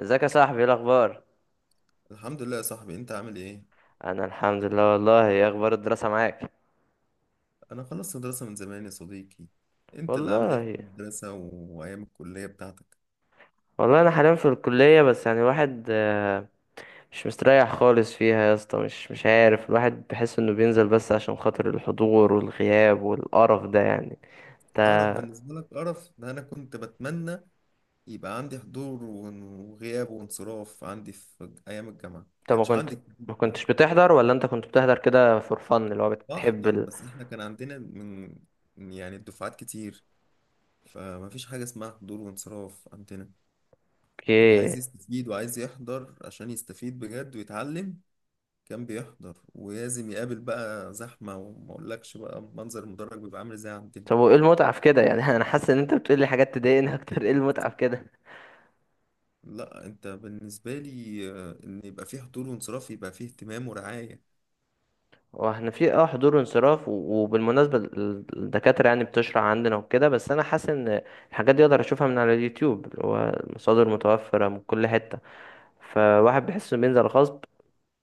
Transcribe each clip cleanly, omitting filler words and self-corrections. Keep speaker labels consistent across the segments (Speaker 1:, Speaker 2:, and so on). Speaker 1: ازيك يا صاحبي؟ ايه الاخبار؟
Speaker 2: الحمد لله يا صاحبي، انت عامل ايه؟
Speaker 1: انا الحمد لله. والله، ايه اخبار الدراسه معاك؟
Speaker 2: انا خلصت دراسة من زمان يا صديقي. انت اللي عامل ايه في
Speaker 1: والله،
Speaker 2: المدرسة وايام الكلية بتاعتك؟
Speaker 1: والله انا حاليا في الكليه، بس يعني الواحد مش مستريح خالص فيها يا اسطى. مش عارف، الواحد بحس انه بينزل بس عشان خاطر الحضور والغياب والقرف ده يعني. انت
Speaker 2: قرف بالنسبة لك؟ قرف ده انا كنت بتمنى يبقى عندي حضور وغياب وانصراف. عندي في ايام الجامعة
Speaker 1: انت
Speaker 2: كانش عندي الكلام
Speaker 1: ما
Speaker 2: ده خالص.
Speaker 1: كنتش بتحضر ولا انت كنت بتحضر كده فور فن اللي هو بتحب
Speaker 2: بحضر، بس احنا كان عندنا من يعني الدفعات كتير، فما فيش حاجة اسمها حضور وانصراف عندنا. اللي
Speaker 1: اوكي.
Speaker 2: عايز يستفيد وعايز يحضر عشان يستفيد بجد ويتعلم كان بيحضر، ولازم يقابل بقى زحمة، وما اقولكش بقى منظر المدرج بيبقى عامل ازاي عندنا.
Speaker 1: طب وايه المتعه في كده يعني؟ انا حاسس ان انت بتقول لي حاجات تضايقني اكتر، ايه المتعه في كده؟
Speaker 2: لا، انت بالنسبة لي ان يبقى فيه حضور وانصراف يبقى فيه اهتمام ورعاية.
Speaker 1: واحنا في حضور وانصراف وبالمناسبة الدكاترة يعني بتشرح عندنا وكده، بس انا حاسس ان الحاجات دي اقدر اشوفها من على اليوتيوب، اللي هو المصادر متوفرة من كل حتة. فواحد بيحس انه بينزل غصب،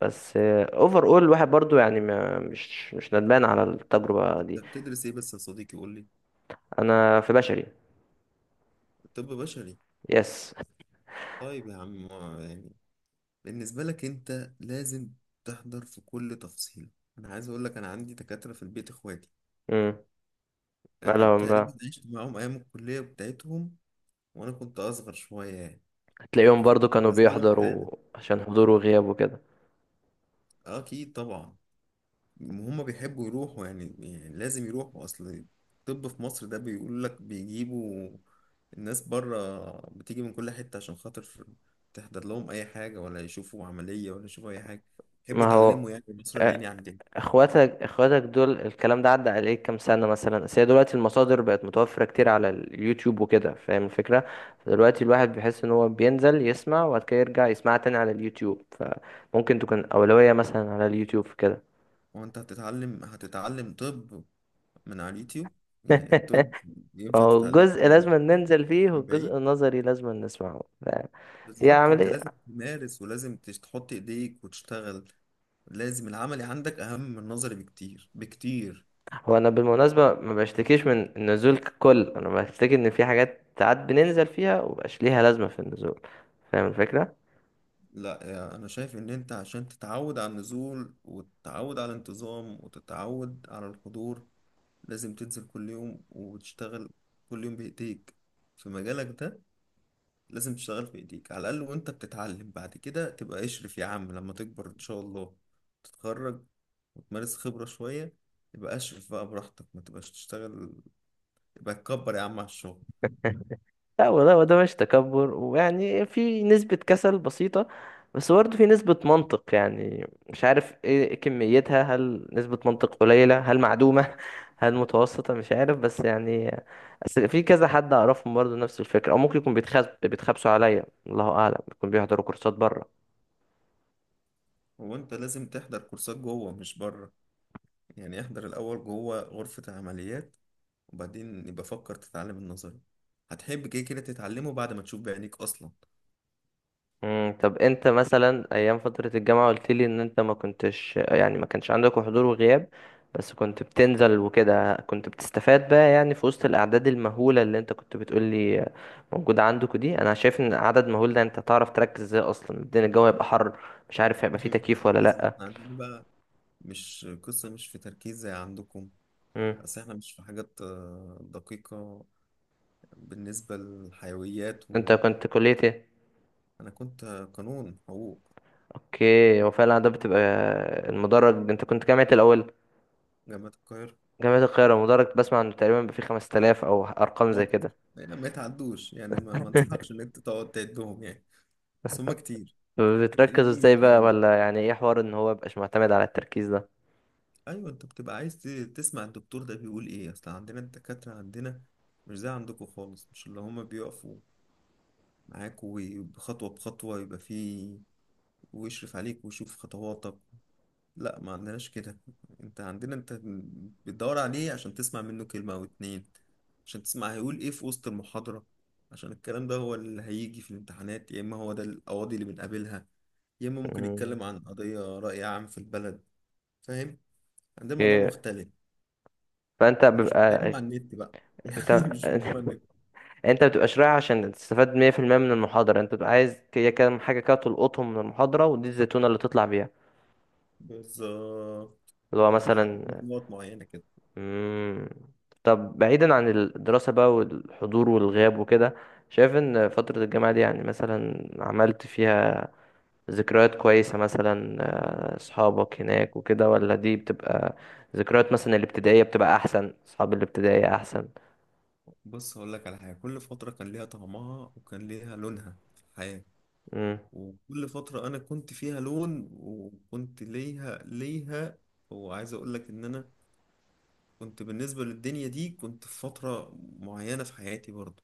Speaker 1: بس اوفر اول الواحد برضو يعني ما مش ندمان على التجربة
Speaker 2: انت
Speaker 1: دي.
Speaker 2: بتدرس ايه بس يا صديقي؟ قول لي.
Speaker 1: انا في بشري.
Speaker 2: طب بشري؟
Speaker 1: يس.
Speaker 2: طيب يا عم، يعني بالنسبة لك انت لازم تحضر في كل تفصيلة. انا عايز اقول لك، انا عندي دكاترة في البيت، اخواتي.
Speaker 1: امم.
Speaker 2: انا
Speaker 1: مالهم
Speaker 2: تقريبا
Speaker 1: بقى؟
Speaker 2: عشت معاهم ايام الكلية بتاعتهم، وانا كنت اصغر شوية يعني،
Speaker 1: هتلاقيهم برضو
Speaker 2: فكنت
Speaker 1: كانوا
Speaker 2: بالنسبة لهم حالة.
Speaker 1: بيحضروا عشان حضور وغياب وكده.
Speaker 2: اكيد طبعا هم بيحبوا يروحوا يعني, يعني لازم يروحوا. اصل الطب في مصر ده بيقول لك بيجيبوا الناس بره، بتيجي من كل حتة عشان خاطر تحضر لهم اي حاجة، ولا يشوفوا عملية، ولا يشوفوا اي حاجة. يحبوا
Speaker 1: ما هو
Speaker 2: يتعلموا يعني، مصر
Speaker 1: آه،
Speaker 2: العيني عندنا.
Speaker 1: اخواتك دول الكلام ده عدى عليك كام سنة مثلا؟ اصل هي دلوقتي المصادر بقت متوفرة كتير على اليوتيوب وكده، فاهم الفكرة؟ فدلوقتي الواحد بيحس ان هو بينزل يسمع وبعد كده يرجع يسمعها تاني على اليوتيوب، فممكن تكون أولوية مثلا على اليوتيوب في كده.
Speaker 2: هو انت هتتعلم طب من على اليوتيوب؟ يعني الطب ينفع
Speaker 1: هو جزء
Speaker 2: تتعلمه
Speaker 1: لازم ننزل فيه،
Speaker 2: من بعيد؟
Speaker 1: والجزء النظري لازم نسمعه ف- هي
Speaker 2: بالظبط، انت
Speaker 1: عملية.
Speaker 2: لازم تمارس، ولازم تحط ايديك وتشتغل. لازم العملي عندك اهم من النظري بكتير بكتير.
Speaker 1: هو أنا بالمناسبة ما بشتكيش من النزول ككل، أنا بشتكي إن في حاجات ساعات بننزل فيها ومبقاش ليها لازمة في النزول، فاهم الفكرة؟
Speaker 2: لا، يعني انا شايف ان انت عشان تتعود على النزول، وتتعود على الانتظام، وتتعود على الحضور، لازم تنزل كل يوم وتشتغل كل يوم بايديك في مجالك ده. لازم تشتغل بايديك على الاقل وانت بتتعلم. بعد كده تبقى اشرف يا عم لما تكبر، ان شاء الله تتخرج وتمارس خبرة شوية، يبقى اشرف بقى براحتك. ما تبقاش تشتغل يبقى تكبر يا عم على الشغل.
Speaker 1: لا، وده مش تكبر، ويعني في نسبة كسل بسيطة، بس برضه في نسبة منطق. يعني مش عارف ايه كميتها، هل نسبة منطق قليلة، هل معدومة، هل متوسطة، مش عارف، بس يعني أصل في كذا حد أعرفهم برضه نفس الفكرة، أو ممكن يكون بيتخبسوا عليا، الله أعلم، يكون بيحضروا كورسات بره.
Speaker 2: وانت لازم تحضر كورسات جوه مش بره. يعني احضر الاول جوه غرفة العمليات، وبعدين يبقى فكر تتعلم النظري. هتحب كده كده تتعلمه بعد ما تشوف بعينيك أصلا.
Speaker 1: مم. طب انت مثلا ايام فترة الجامعة، قلت لي ان انت ما كنتش، يعني ما كانش عندك حضور وغياب، بس كنت بتنزل وكده، كنت بتستفاد بقى؟ يعني في وسط الاعداد المهولة اللي انت كنت بتقول لي موجودة عندك دي، انا شايف ان عدد مهول ده، انت تعرف تركز ازاي؟ اصلا الدنيا الجو هيبقى حر، مش عارف هيبقى فيه تكييف ولا
Speaker 2: تركيز؟ ما
Speaker 1: لأ.
Speaker 2: احنا عندنا بقى مش قصة، مش في تركيز زي عندكم.
Speaker 1: مم.
Speaker 2: بس احنا مش في حاجات دقيقة بالنسبة للحيويات
Speaker 1: انت
Speaker 2: و...
Speaker 1: كنت كلية ايه؟
Speaker 2: أنا كنت قانون، حقوق.
Speaker 1: اوكي، وفعلا ده بتبقى المدرج. انت كنت جامعة الاول؟
Speaker 2: جامعة القاهرة.
Speaker 1: جامعة القاهرة، المدرج بسمع انه تقريبا بيبقى فيه 5000 او ارقام زي
Speaker 2: أكتر،
Speaker 1: كده.
Speaker 2: يعني ما يتعدوش يعني، ما انصحكش إن أنت تقعد تعدهم يعني، بس هما كتير.
Speaker 1: بتركز
Speaker 2: حقيقي مش
Speaker 1: ازاي
Speaker 2: زي
Speaker 1: بقى،
Speaker 2: عندكم.
Speaker 1: ولا يعني ايه حوار ان هو مبقاش معتمد على التركيز ده؟
Speaker 2: ايوه، انت بتبقى عايز تسمع الدكتور ده بيقول ايه. اصل عندنا الدكاترة عندنا مش زي عندكم خالص، مش اللي هما بيقفوا معاك وخطوة بخطوة يبقى فيه، ويشرف عليك، ويشوف خطواتك. لا، ما عندناش كده. انت عندنا انت بتدور عليه عشان تسمع منه كلمة او اتنين، عشان تسمع هيقول ايه في وسط المحاضرة، عشان الكلام ده هو اللي هيجي في الامتحانات، يا اما هو ده القواضي اللي بنقابلها، يا اما ممكن
Speaker 1: مم،
Speaker 2: يتكلم عن قضية رأي عام في البلد. فاهم؟ عندنا الموضوع
Speaker 1: اوكي.
Speaker 2: مختلف.
Speaker 1: فانت
Speaker 2: ومش بتلاقيهم
Speaker 1: بيبقى
Speaker 2: على النت بقى
Speaker 1: انت
Speaker 2: يعني مش بتلاقيهم على النت.
Speaker 1: انت بتبقاش رايح عشان تستفاد 100% من المحاضرة، انت بتبقى عايز هي كام حاجة كده تلقطهم من المحاضرة، ودي الزيتونة اللي تطلع بيها،
Speaker 2: بالظبط،
Speaker 1: اللي هو
Speaker 2: ان انا
Speaker 1: مثلا.
Speaker 2: عامل نقط معينه كده.
Speaker 1: مم، طب بعيدا عن الدراسة بقى والحضور والغياب وكده، شايف ان فترة الجامعة دي يعني مثلا عملت فيها ذكريات كويسة مثلا، اصحابك هناك وكده، ولا دي بتبقى ذكريات مثلا الابتدائية بتبقى احسن، اصحاب الابتدائية احسن؟
Speaker 2: بص هقول لك على حاجه، كل فتره كان ليها طعمها، وكان ليها لونها في الحياه،
Speaker 1: امم.
Speaker 2: وكل فتره انا كنت فيها لون، وكنت ليها وعايز اقول لك ان انا كنت بالنسبه للدنيا دي كنت في فتره معينه في حياتي برضو.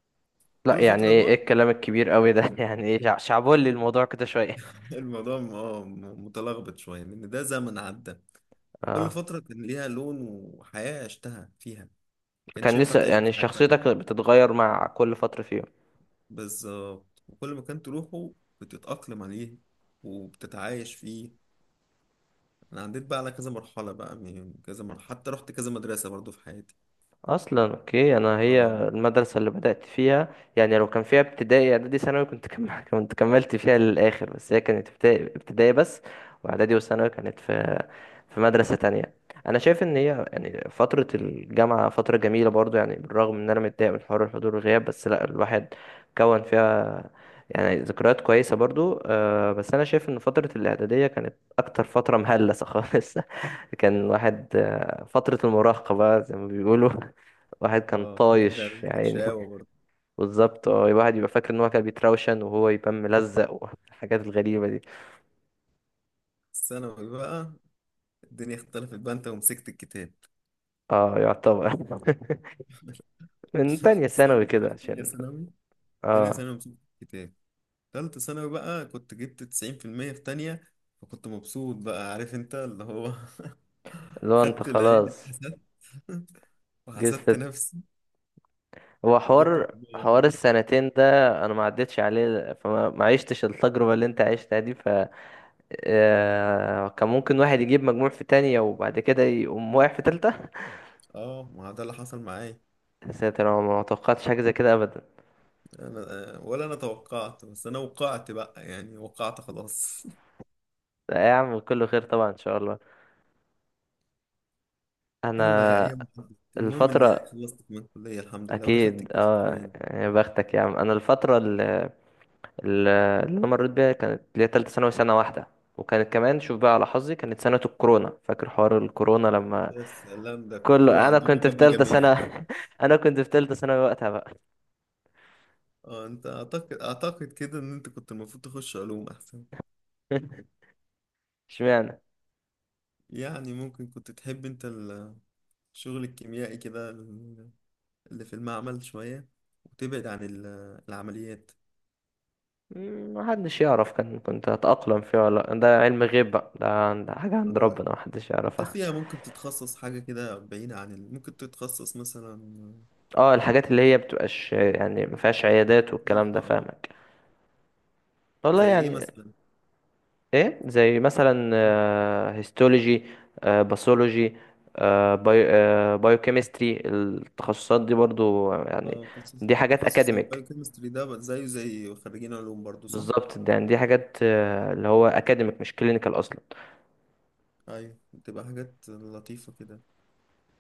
Speaker 1: لا
Speaker 2: كل
Speaker 1: يعني
Speaker 2: فتره
Speaker 1: ايه
Speaker 2: بقى
Speaker 1: الكلام الكبير قوي ده؟ يعني ايه، شعبولي الموضوع كده شوية.
Speaker 2: الموضوع متلخبط شويه لان ده زمن عدى. كل
Speaker 1: اه
Speaker 2: فترة كان ليها لون وحياة عشتها فيها، كانش
Speaker 1: كان
Speaker 2: ينفع
Speaker 1: لسه
Speaker 2: تعيش
Speaker 1: يعني
Speaker 2: في حياة تانية.
Speaker 1: شخصيتك بتتغير مع كل فترة فيهم.
Speaker 2: بالظبط، وكل ما كان تروحه بتتأقلم عليه، وبتتعايش فيه. أنا عديت بقى على كذا مرحلة، بقى من كذا مرحلة، حتى رحت كذا مدرسة برضو في حياتي.
Speaker 1: اصلا اوكي، انا هي
Speaker 2: اه.
Speaker 1: المدرسه اللي بدات فيها، يعني لو كان فيها ابتدائي اعدادي ثانوي كنت كنت كملت فيها للاخر، بس هي كانت ابتدائي ابتدائي بس، واعدادي وثانوي كانت في مدرسه تانية. انا شايف ان هي يعني فتره الجامعه فتره جميله برضو، يعني بالرغم ان انا متضايق من حوار الحضور والغياب، بس لا الواحد كون فيها يعني ذكريات كويسه برضو، أه. بس انا شايف ان فتره الاعداديه كانت اكتر فتره مهلسه خالص. كان الواحد فترة المراهقة بقى زي ما بيقولوا. واحد كان
Speaker 2: اه فترة
Speaker 1: طايش
Speaker 2: الإعدادية
Speaker 1: يا
Speaker 2: كانت
Speaker 1: عيني.
Speaker 2: شقاوة برضو.
Speaker 1: بالظبط، الواحد يبقى فاكر ان هو كان بيتروشن وهو يبقى ملزق، والحاجات الغريبة دي.
Speaker 2: الثانوي بقى الدنيا اختلفت بقى، أنت ومسكت الكتاب.
Speaker 1: اه، يعتبر. من تانية ثانوي
Speaker 2: استنى،
Speaker 1: كده،
Speaker 2: أنا في تانية
Speaker 1: عشان
Speaker 2: ثانوي. تانية
Speaker 1: اه
Speaker 2: ثانوي مسكت الكتاب، تالتة ثانوي بقى. كنت جبت 90% في المية في تانية، فكنت مبسوط بقى. عارف أنت اللي هو
Speaker 1: اللي هو انت
Speaker 2: خدت العين،
Speaker 1: خلاص
Speaker 2: اتحسدت،
Speaker 1: جيت
Speaker 2: وحسدت
Speaker 1: في،
Speaker 2: نفسي،
Speaker 1: هو
Speaker 2: وجبت
Speaker 1: حوار
Speaker 2: مجموعة
Speaker 1: حوار
Speaker 2: قليلة.
Speaker 1: السنتين ده انا ما عدتش عليه، فما ما عشتش التجربة اللي انت عشتها دي كان ممكن واحد يجيب مجموع في تانية وبعد كده يقوم واقع في تالتة.
Speaker 2: اه، ما ده اللي حصل معايا.
Speaker 1: يا ساتر، انا ما توقعتش حاجة زي كده ابدا.
Speaker 2: انا ولا انا توقعت، بس انا وقعت بقى، يعني وقعت خلاص.
Speaker 1: لا يا عم، كله خير طبعا ان شاء الله.
Speaker 2: يلا يا
Speaker 1: انا
Speaker 2: ايام عدت. المهم اني
Speaker 1: الفترة
Speaker 2: خلصت من الكلية الحمد لله، ودخلت
Speaker 1: أكيد
Speaker 2: الجيش
Speaker 1: اه،
Speaker 2: كمان.
Speaker 1: يا بختك يا عم. أنا الفترة اللي أنا مريت بيها كانت اللي هي تالتة ثانوي سنة واحدة، وكانت كمان، شوف بقى على حظي، كانت سنة الكورونا، فاكر حوار الكورونا لما
Speaker 2: يا سلام، ده كله
Speaker 1: كله؟ أنا
Speaker 2: عندكم
Speaker 1: كنت في
Speaker 2: جاب
Speaker 1: تالتة
Speaker 2: مجاميع.
Speaker 1: سنة. أنا كنت في تالتة ثانوي وقتها بقى.
Speaker 2: اه، انت اعتقد كده ان انت كنت المفروض تخش علوم احسن.
Speaker 1: اشمعنى؟
Speaker 2: يعني ممكن كنت تحب انت الشغل الكيميائي كده، اللي في المعمل شوية، وتبعد عن العمليات.
Speaker 1: محدش يعرف كان كنت هتأقلم فيه ولا لأ. ده علم غيب بقى، ده حاجة عند
Speaker 2: على رأيك،
Speaker 1: ربنا محدش
Speaker 2: انت
Speaker 1: يعرفها.
Speaker 2: فيها ممكن تتخصص حاجة كده بعيدة عن ال... ممكن تتخصص مثلا
Speaker 1: اه، الحاجات اللي هي بتبقاش يعني مفيهاش عيادات والكلام
Speaker 2: نظيفة،
Speaker 1: ده،
Speaker 2: اه.
Speaker 1: فاهمك. والله
Speaker 2: زي ايه
Speaker 1: يعني،
Speaker 2: مثلا؟
Speaker 1: ايه زي مثلا؟ هيستولوجي، باثولوجي، بايوكيمستري، التخصصات دي برضو يعني،
Speaker 2: اه، تخصص
Speaker 1: دي حاجات
Speaker 2: تخصص
Speaker 1: اكاديميك.
Speaker 2: البايوكيمستري ده بقى زيه زي خريجين علوم برضو، صح؟
Speaker 1: بالظبط، ده يعني دي حاجات اللي هو اكاديميك مش كلينيكال اصلا.
Speaker 2: ايوه، بتبقى حاجات لطيفة كده.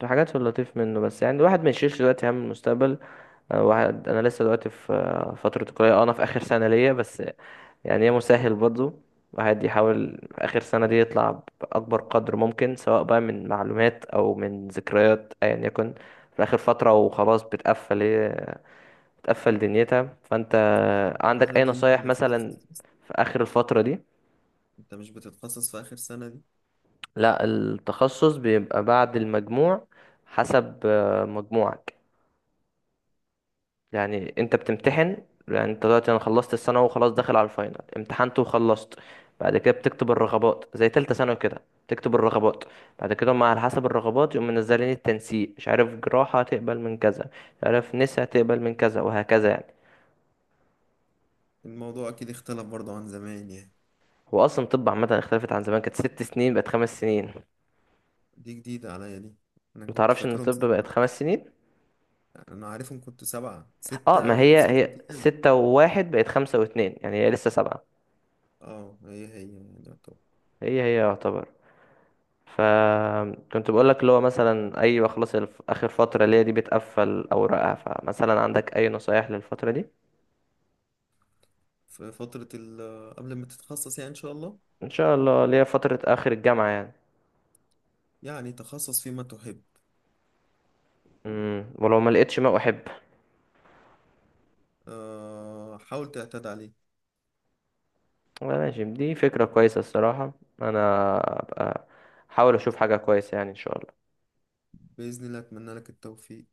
Speaker 1: دي حاجات في اللطيف منه، بس يعني الواحد ما يشيلش دلوقتي هم المستقبل. واحد انا لسه دلوقتي في فتره الكليه، انا في اخر سنه ليا بس، يعني يا مسهل برضه. الواحد يحاول في آخر سنة دي يطلع بأكبر قدر ممكن، سواء بقى من معلومات أو من ذكريات أيا يكن، في آخر فترة وخلاص بتقفل، هي بتقفل دنيتها. فأنت عندك
Speaker 2: السنة
Speaker 1: أي
Speaker 2: دي انت
Speaker 1: نصايح
Speaker 2: المفروض
Speaker 1: مثلا
Speaker 2: تتخصص.
Speaker 1: في آخر الفترة دي؟
Speaker 2: انت مش بتتخصص في اخر سنة دي؟
Speaker 1: لا، التخصص بيبقى بعد المجموع، حسب مجموعك. يعني انت بتمتحن، يعني انت دلوقتي انا خلصت الثانوي وخلاص داخل على الفاينل، امتحنت وخلصت، بعد كده بتكتب الرغبات زي تالتة ثانوي كده، تكتب الرغبات. بعد كده هم على حسب الرغبات يقوم منزلين التنسيق، مش عارف جراحة هتقبل من كذا، مش عارف نسا هتقبل من كذا، وهكذا يعني.
Speaker 2: الموضوع اكيد اختلف برضو عن زمان يعني.
Speaker 1: هو اصلا طب عامة اختلفت عن زمان، كانت ست سنين بقت خمس سنين.
Speaker 2: دي جديدة عليا دي، انا كنت
Speaker 1: متعرفش ان
Speaker 2: فاكرهم
Speaker 1: الطب بقت
Speaker 2: سبعة.
Speaker 1: خمس سنين؟
Speaker 2: انا عارفهم كنت سبعة،
Speaker 1: اه،
Speaker 2: ستة
Speaker 1: ما هي
Speaker 2: وسنة
Speaker 1: هي
Speaker 2: امتياز.
Speaker 1: ستة وواحد بقت خمسة واتنين يعني، هي لسه سبعة.
Speaker 2: اه هي هي يعني.
Speaker 1: هي هي يعتبر. فكنت بقول لك اللي هو مثلا، ايوه خلاص اخر فتره ليا دي بتقفل اوراقها، فمثلا عندك اي نصايح للفتره دي؟
Speaker 2: في فترة قبل ما تتخصص يعني إن شاء الله،
Speaker 1: ان شاء الله ليا فتره اخر الجامعه يعني.
Speaker 2: يعني تخصص فيما تحب.
Speaker 1: ولو ما لقيتش ما احب؟
Speaker 2: حاول تعتاد عليه.
Speaker 1: والله ماشي، دي فكره كويسه الصراحه. انا ابقى احاول اشوف حاجه كويسه، يعني ان شاء الله.
Speaker 2: بإذن الله أتمنى لك التوفيق.